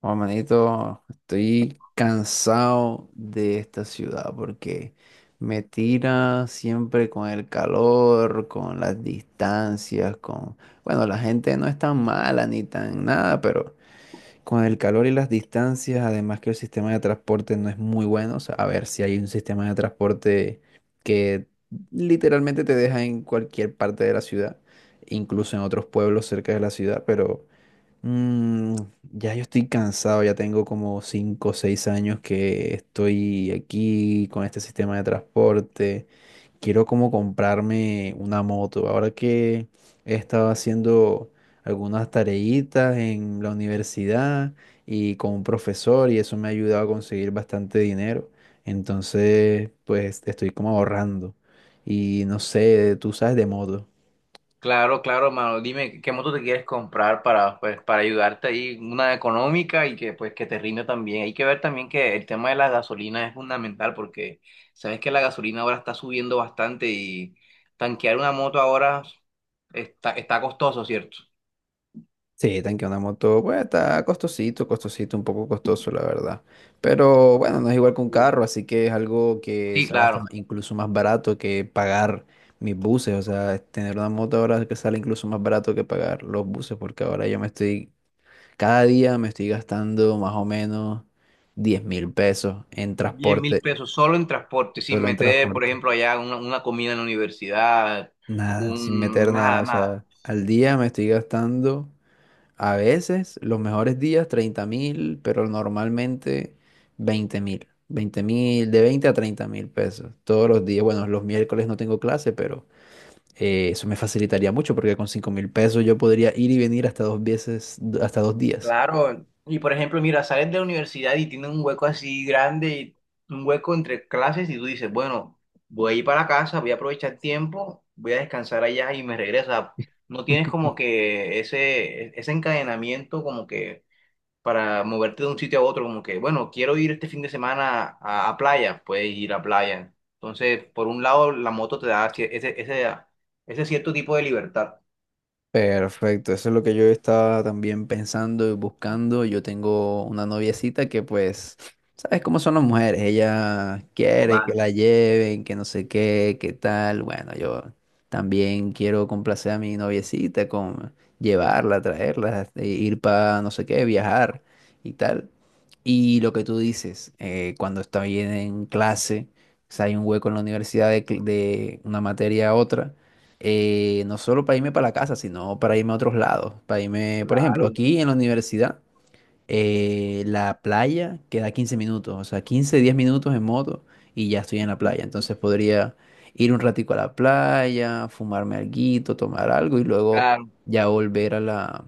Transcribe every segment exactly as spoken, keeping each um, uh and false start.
Oh, manito, estoy cansado de esta ciudad porque me tira siempre con el calor, con las distancias, con... Bueno, la gente no es tan mala ni tan nada, pero con el calor y las distancias, además que el sistema de transporte no es muy bueno. O sea, a ver si hay un sistema de transporte que literalmente te deja en cualquier parte de la ciudad, incluso en otros pueblos cerca de la ciudad, pero... Mm, ya yo estoy cansado, ya tengo como cinco o 6 años que estoy aquí con este sistema de transporte. Quiero como comprarme una moto. Ahora que he estado haciendo algunas tareitas en la universidad y con un profesor y eso me ha ayudado a conseguir bastante dinero. Entonces, pues estoy como ahorrando. Y no sé, tú sabes de moto. Claro, claro, mano. Dime qué moto te quieres comprar para, pues, para ayudarte ahí, una económica y que pues que te rinde también. Hay que ver también que el tema de la gasolina es fundamental porque sabes que la gasolina ahora está subiendo bastante y tanquear una moto ahora está, está costoso, ¿cierto? Sí, tanque una moto, pues está costosito, costosito, un poco costoso, la verdad. Pero bueno, no es igual Yo, que un tío. carro, así que es algo que Sí, sale hasta claro. incluso más barato que pagar mis buses. O sea, es tener una moto ahora que sale incluso más barato que pagar los buses, porque ahora yo me estoy, cada día me estoy gastando más o menos diez mil pesos en Diez mil transporte, pesos solo en transporte, sin solo en meter, por transporte. ejemplo, allá una, una comida en la universidad, Nada, sin un meter nada, nada, o sea, nada. al día me estoy gastando. A veces, los mejores días treinta mil, pero normalmente veinte mil. veinte mil, de veinte a treinta mil pesos. Todos los días, bueno, los miércoles no tengo clase, pero eh, eso me facilitaría mucho porque con cinco mil pesos yo podría ir y venir hasta dos veces, hasta dos días. Claro, y por ejemplo, mira, sales de la universidad y tienes un hueco así grande, un hueco entre clases, y tú dices, bueno, voy a ir para la casa, voy a aprovechar el tiempo, voy a descansar allá y me regresa. No tienes como que ese, e-, ese encadenamiento como que para moverte de un sitio a otro, como que, bueno, quiero ir este fin de semana a, a playa, puedes ir a playa. Entonces, por un lado, la moto te da ese, ese, ah, ese cierto tipo de libertad. Perfecto, eso es lo que yo estaba también pensando y buscando. Yo tengo una noviecita que pues, ¿sabes cómo son las mujeres? Ella quiere que Total, la lleven, que no sé qué, qué tal. Bueno, yo también quiero complacer a mi noviecita con llevarla, traerla, eh, ir para no sé qué, viajar y tal. Y lo que tú dices, eh, cuando está bien en clase, o sea, hay un hueco en la universidad de cl- de una materia a otra eh, no solo para irme para la casa, sino para irme a otros lados. Para irme, por ejemplo, claro. aquí en la universidad, eh, la playa queda quince minutos, o sea, quince diez minutos en moto y ya estoy en la playa. Entonces podría ir un ratico a la playa, fumarme alguito, tomar algo y luego Claro, ya volver a la,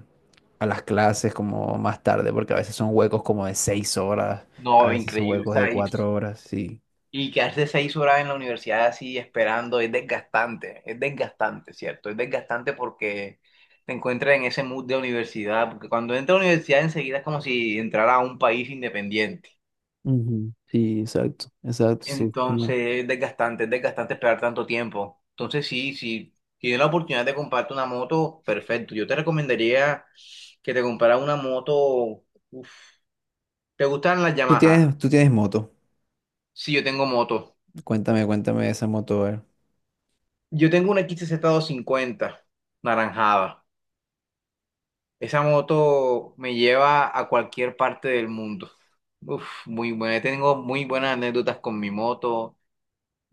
a las clases como más tarde, porque a veces son huecos como de seis horas, a no, veces son increíble. O huecos de sea, y cuatro horas, sí. Y quedarse seis horas en la universidad así esperando es desgastante, es desgastante, ¿cierto? Es desgastante porque te encuentras en ese mood de universidad, porque cuando entras a la universidad enseguida es como si entrara a un país independiente. Ujú, sí, exacto, exacto, sí. una- Entonces es desgastante, es desgastante esperar tanto tiempo. Entonces sí, si tienes la oportunidad de comprarte una moto, perfecto. Yo te recomendaría que te compraras una moto. Uf. ¿Te gustan las Tú Yamaha? tienes, tú tienes moto. Sí, yo tengo moto. Cuéntame, cuéntame de esa moto, a ver. Yo tengo una X XZ cincuenta naranjada. Esa moto me lleva a cualquier parte del mundo. Uf, muy buena. Tengo muy buenas anécdotas con mi moto.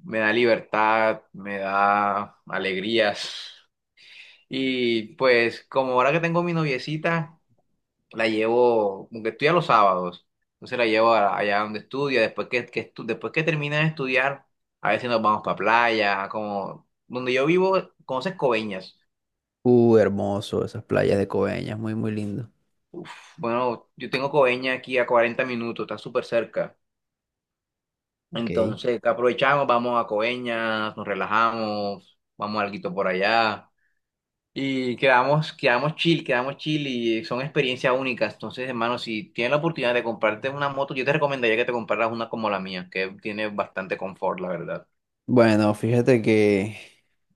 Me da libertad, me da alegrías. Y pues como ahora que tengo mi noviecita, la llevo, aunque estudia los sábados, entonces la llevo a- allá donde estudia. Después que, que estu- después que termina de estudiar, a veces nos vamos para playa, como donde yo vivo, conoces Coveñas. Uh, hermoso, esas playas de Coveñas, muy, muy lindo. Bueno, yo tengo Coveñas aquí a cuarenta minutos, está súper cerca. Ok. Entonces, ¿qué aprovechamos? Vamos a Coveñas, nos relajamos, vamos a alguito por allá y quedamos, quedamos chill, quedamos chill y son experiencias únicas. Entonces, hermano, si tienes la oportunidad de comprarte una moto, yo te recomendaría que te compraras una como la mía, que tiene bastante confort, la verdad. Bueno, fíjate que,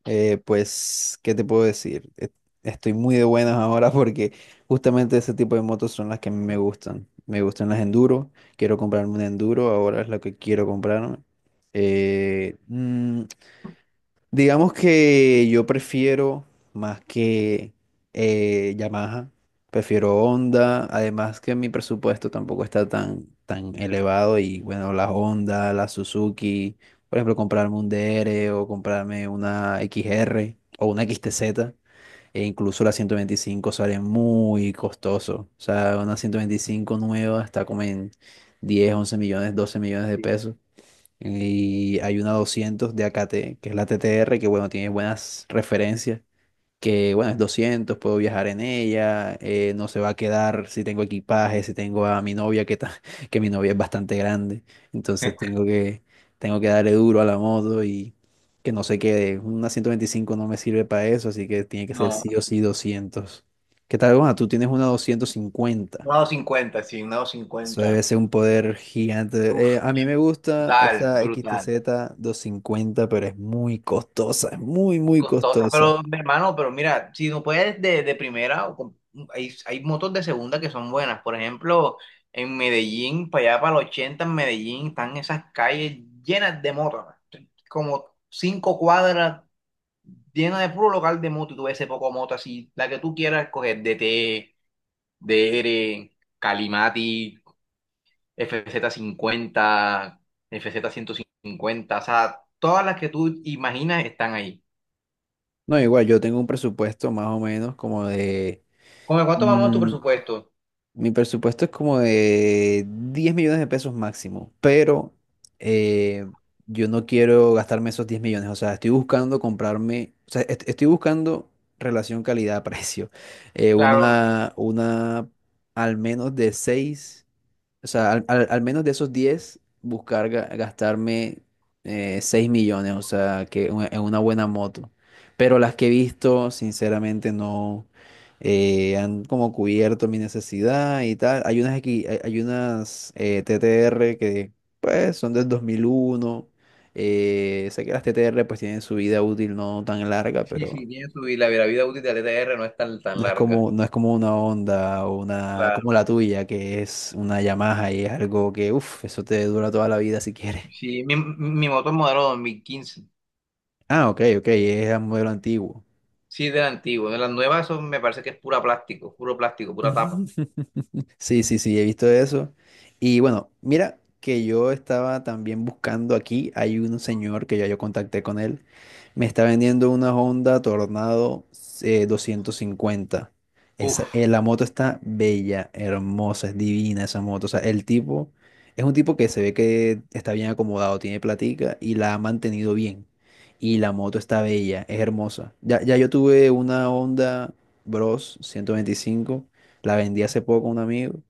eh, pues, ¿qué te puedo decir? E- Estoy muy de buenas ahora porque justamente ese tipo de motos son las que a mí me gustan. Me gustan las enduro, quiero comprarme un enduro, ahora es lo que quiero comprarme. Eh, mm, Digamos que yo prefiero más que eh, Yamaha, prefiero Honda, además que mi presupuesto tampoco está tan, tan elevado y bueno, la Honda, la Suzuki, por ejemplo, comprarme un D R o comprarme una X-R o una X-T Z e incluso la ciento veinticinco sale muy costoso, o sea, una ciento veinticinco nueva está como en diez once millones, doce millones de Sí. pesos. Y hay una doscientos de A K T, que es la T T R, que bueno, tiene buenas referencias, que bueno, es doscientos puedo viajar en ella, eh, no se va a quedar si tengo equipaje, si tengo a mi novia, que, ta- que mi novia es bastante grande, entonces tengo que, tengo que darle duro a la moto y que no se quede. Una ciento veinticinco no me sirve para eso, así que tiene que ser sí No, o sí doscientos. ¿Qué tal, Juan? Tú tienes una doscientos cincuenta. una doscientos cincuenta, sí, una doscientos Eso debe cincuenta. ser un poder gigante. Uf, Eh, a mí una- me gusta brutal, esa brutal. X T Z cincuenta, pero es muy costosa, es muy, muy Costosa, costosa. pero mi hermano, pero mira, si no puedes de, de primera, o con- hay, hay motos de segunda que son buenas. Por ejemplo, en Medellín, para allá para el ochenta en Medellín, están esas calles llenas de motos, ¿no? Como cinco cuadras llenas de puro local de moto. Y tú ves ese poco moto así, la que tú quieras coger, D T, D R, Calimati, F Z cincuenta, F Z ciento cincuenta, o sea, todas las que tú imaginas están ahí. No, igual, yo tengo un presupuesto más o menos como de... ¿Con cuánto vamos tu mm, presupuesto? mi presupuesto es como de diez millones de pesos máximo, pero eh, yo no quiero gastarme esos diez millones. O sea, estoy buscando comprarme, o sea, est- estoy buscando relación calidad-precio. Eh, Claro, una, una al menos de seis. O sea, al, al- al menos de esos diez buscar ga- gastarme eh, seis millones, o sea, que u- en una buena moto. Pero las que he visto, sinceramente, no eh, han como cubierto mi necesidad y tal. Hay unas aquí, hay, hay unas eh, T T R que, pues, son del dos mil uno. Eh, sé que las T T R, pues, tienen su vida útil no tan larga, sí, pero sí, tiene su vida, la vida útil de la T T R no es tan, tan no es larga. como, no es como una Honda o una, como Claro. la tuya, que es una Yamaha y es algo que, uff, eso te dura toda la vida si quieres. Sí, mi, mi moto es modelo dos mil quince. Ah, ok, ok, es un modelo antiguo. Sí, de la antigua. De las nuevas son- me parece que es pura plástico, puro plástico, pura tapa. Sí, sí, sí, he visto eso. Y bueno, mira que yo estaba también buscando aquí, hay un señor que ya yo contacté con él. Me está vendiendo una Honda Tornado eh, doscientos cincuenta. Esa, Uf, eh, la moto está bella, hermosa, es divina esa moto. O sea, el tipo es un tipo que se ve que está bien acomodado, tiene platica y la ha mantenido bien. Y la moto está bella, es hermosa. Ya, ya yo tuve una Honda Bros ciento veinticinco, la vendí hace poco a un amigo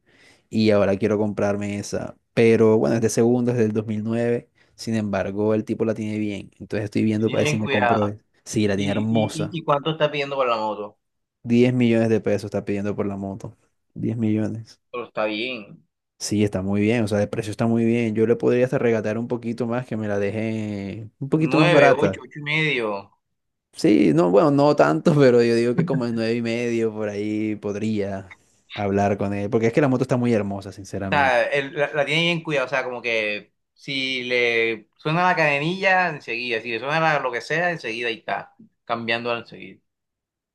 y ahora quiero comprarme esa. Pero bueno, es de segundo, es del dos mil nueve. Sin embargo, el tipo la tiene bien. Entonces estoy viendo bien, para ver si bien me compro cuidado. esa. Sí, la tiene ¿Y, y, y hermosa. y cuánto está pidiendo por la moto? Diez millones de pesos está pidiendo por la moto. Diez millones. Pero está bien. Sí, está muy bien. O sea, el precio está muy bien. Yo le podría hasta regatear un poquito más que me la deje un poquito más Nueve, barata. ocho, ocho y medio. O Sí, no, bueno, no tanto, pero yo digo que como en nueve y medio por ahí podría hablar con él. Porque es que la moto está muy hermosa, sinceramente. sea, el- la, la tiene bien cuidada. O sea, como que si le suena la cadenilla, enseguida. Si le suena la- lo que sea, enseguida ahí está. Cambiando enseguida.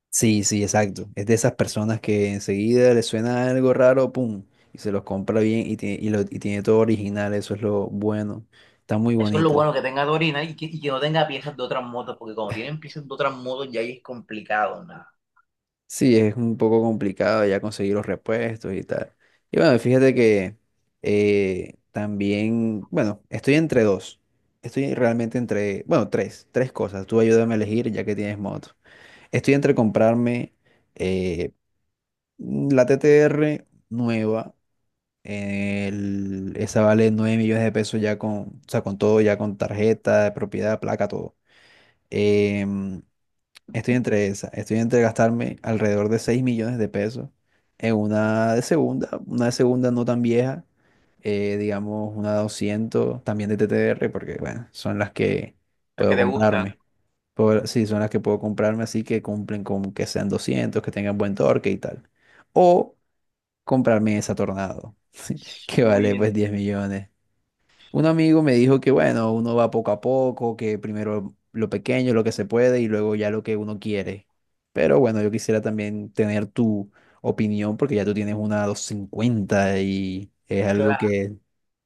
Sí, sí, exacto. Es de esas personas que enseguida le suena algo raro, pum, y se los compra bien y tiene, y lo, y tiene todo original, eso es lo bueno. Está muy Eso es lo bonita. bueno que tenga Torina y que, y que no tenga piezas de otras motos, porque cuando tienen piezas de otras motos ya ahí es complicado, nada. Sí, es un poco complicado ya conseguir los repuestos y tal. Y bueno, fíjate que eh, también, bueno, estoy entre dos. Estoy realmente entre, bueno, tres, tres cosas. Tú ayúdame a elegir ya que tienes moto. Estoy entre comprarme eh, la T T R nueva eh, El- esa vale nueve millones de pesos ya con, o sea, con todo, ya con tarjeta, propiedad, placa, todo. Em, estoy entre esa, estoy entre gastarme alrededor de seis millones de pesos en una de segunda, una de segunda no tan vieja, eh, digamos una doscientos también de T T R, porque bueno, son las que Las que puedo te gustan. comprarme. Por- sí, son las que puedo comprarme, así que cumplen con que sean doscientos, que tengan buen torque y tal. O comprarme esa Tornado, que vale Uy, pues en- diez millones. Un amigo me dijo que bueno, uno va poco a poco, que primero lo pequeño, lo que se puede y luego ya lo que uno quiere. Pero bueno, yo quisiera también tener tu opinión porque ya tú tienes una doscientos cincuenta y es algo claro. que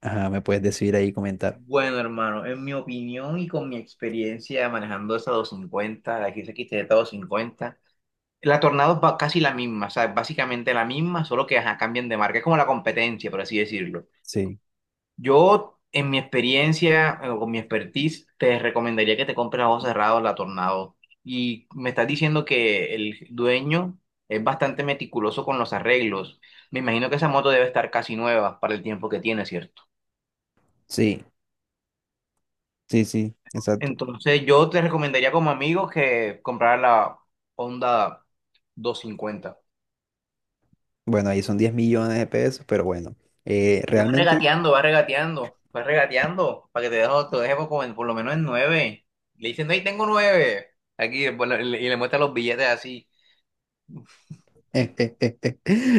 ajá, me puedes decir ahí y comentar. Bueno, hermano, en mi opinión y con mi experiencia manejando esa doscientos cincuenta, la X X T Z doscientos cincuenta la Tornado es ba- casi la misma, o sea, es básicamente la misma, solo que ajá, cambian de marca. Es como la competencia, por así decirlo. Sí, Yo, en mi experiencia eh, o con mi expertise, te recomendaría que te compres a ojos cerrados la Tornado. Y me estás diciendo que el dueño es bastante meticuloso con los arreglos. Me imagino que esa moto debe estar casi nueva para el tiempo que tiene, ¿cierto? sí, sí, sí, exacto. Entonces, yo te recomendaría como amigo que comprar la Honda doscientos cincuenta. Bueno, ahí son diez millones de pesos, pero bueno, eh, Y va realmente... regateando, va regateando, va regateando, para que te dejo, te deje por, como en- por lo menos en nueve. Le dicen, no, ahí tengo nueve. Aquí, y le le- y le muestra los billetes así,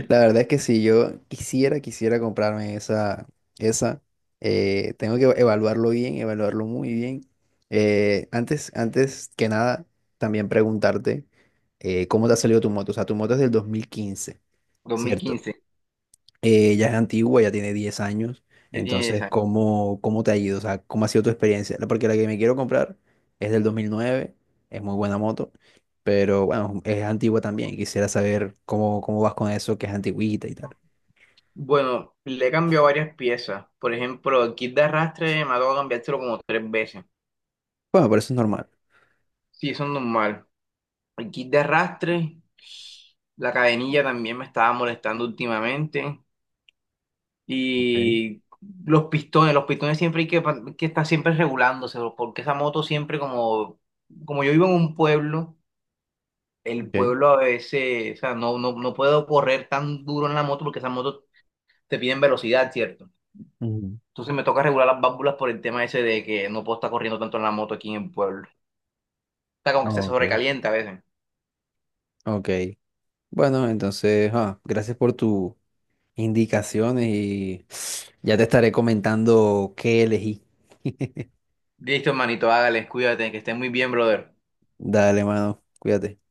La verdad es que si yo quisiera, quisiera comprarme esa, esa, eh, tengo que evaluarlo bien, evaluarlo muy bien. Eh, antes, antes que nada, también preguntarte eh, cómo te ha salido tu moto. O sea, tu moto es del dos mil quince, ¿cierto? dos mil quince, eh, Ya es antigua, ya tiene diez años. ya tiene diez Entonces, años. ¿cómo, cómo te ha ido? O sea, ¿cómo ha sido tu experiencia? La- Porque la que me quiero comprar es del dos mil nueve, es muy buena moto, pero bueno, es antigua también. Quisiera saber cómo, cómo vas con eso, que es antigüita y tal. Bueno, le he cambiado varias piezas. Por ejemplo, el kit de arrastre me ha tocado cambiárselo como tres veces. Bueno, pero eso es normal. Sí, eso es normal. El kit de arrastre, la cadenilla también me estaba molestando últimamente. Ok, Y los pistones, los pistones siempre hay que, pa- que estar siempre regulándose, bro, porque esa moto siempre como, como yo vivo en un pueblo, el ok. pueblo a veces, o sea, no, no, no puedo correr tan duro en la moto porque esas motos te piden velocidad, ¿cierto? Ujú. Entonces me toca regular las válvulas por el tema ese de que no puedo estar corriendo tanto en la moto aquí en el pueblo. Está como que se Ok. sobrecalienta a veces. Ok. Bueno, entonces, ah, gracias por tus indicaciones y ya te estaré comentando qué elegí. Listo, hermanito, hágale, cuídate, que estés muy bien, brother. Dale, mano, cuídate.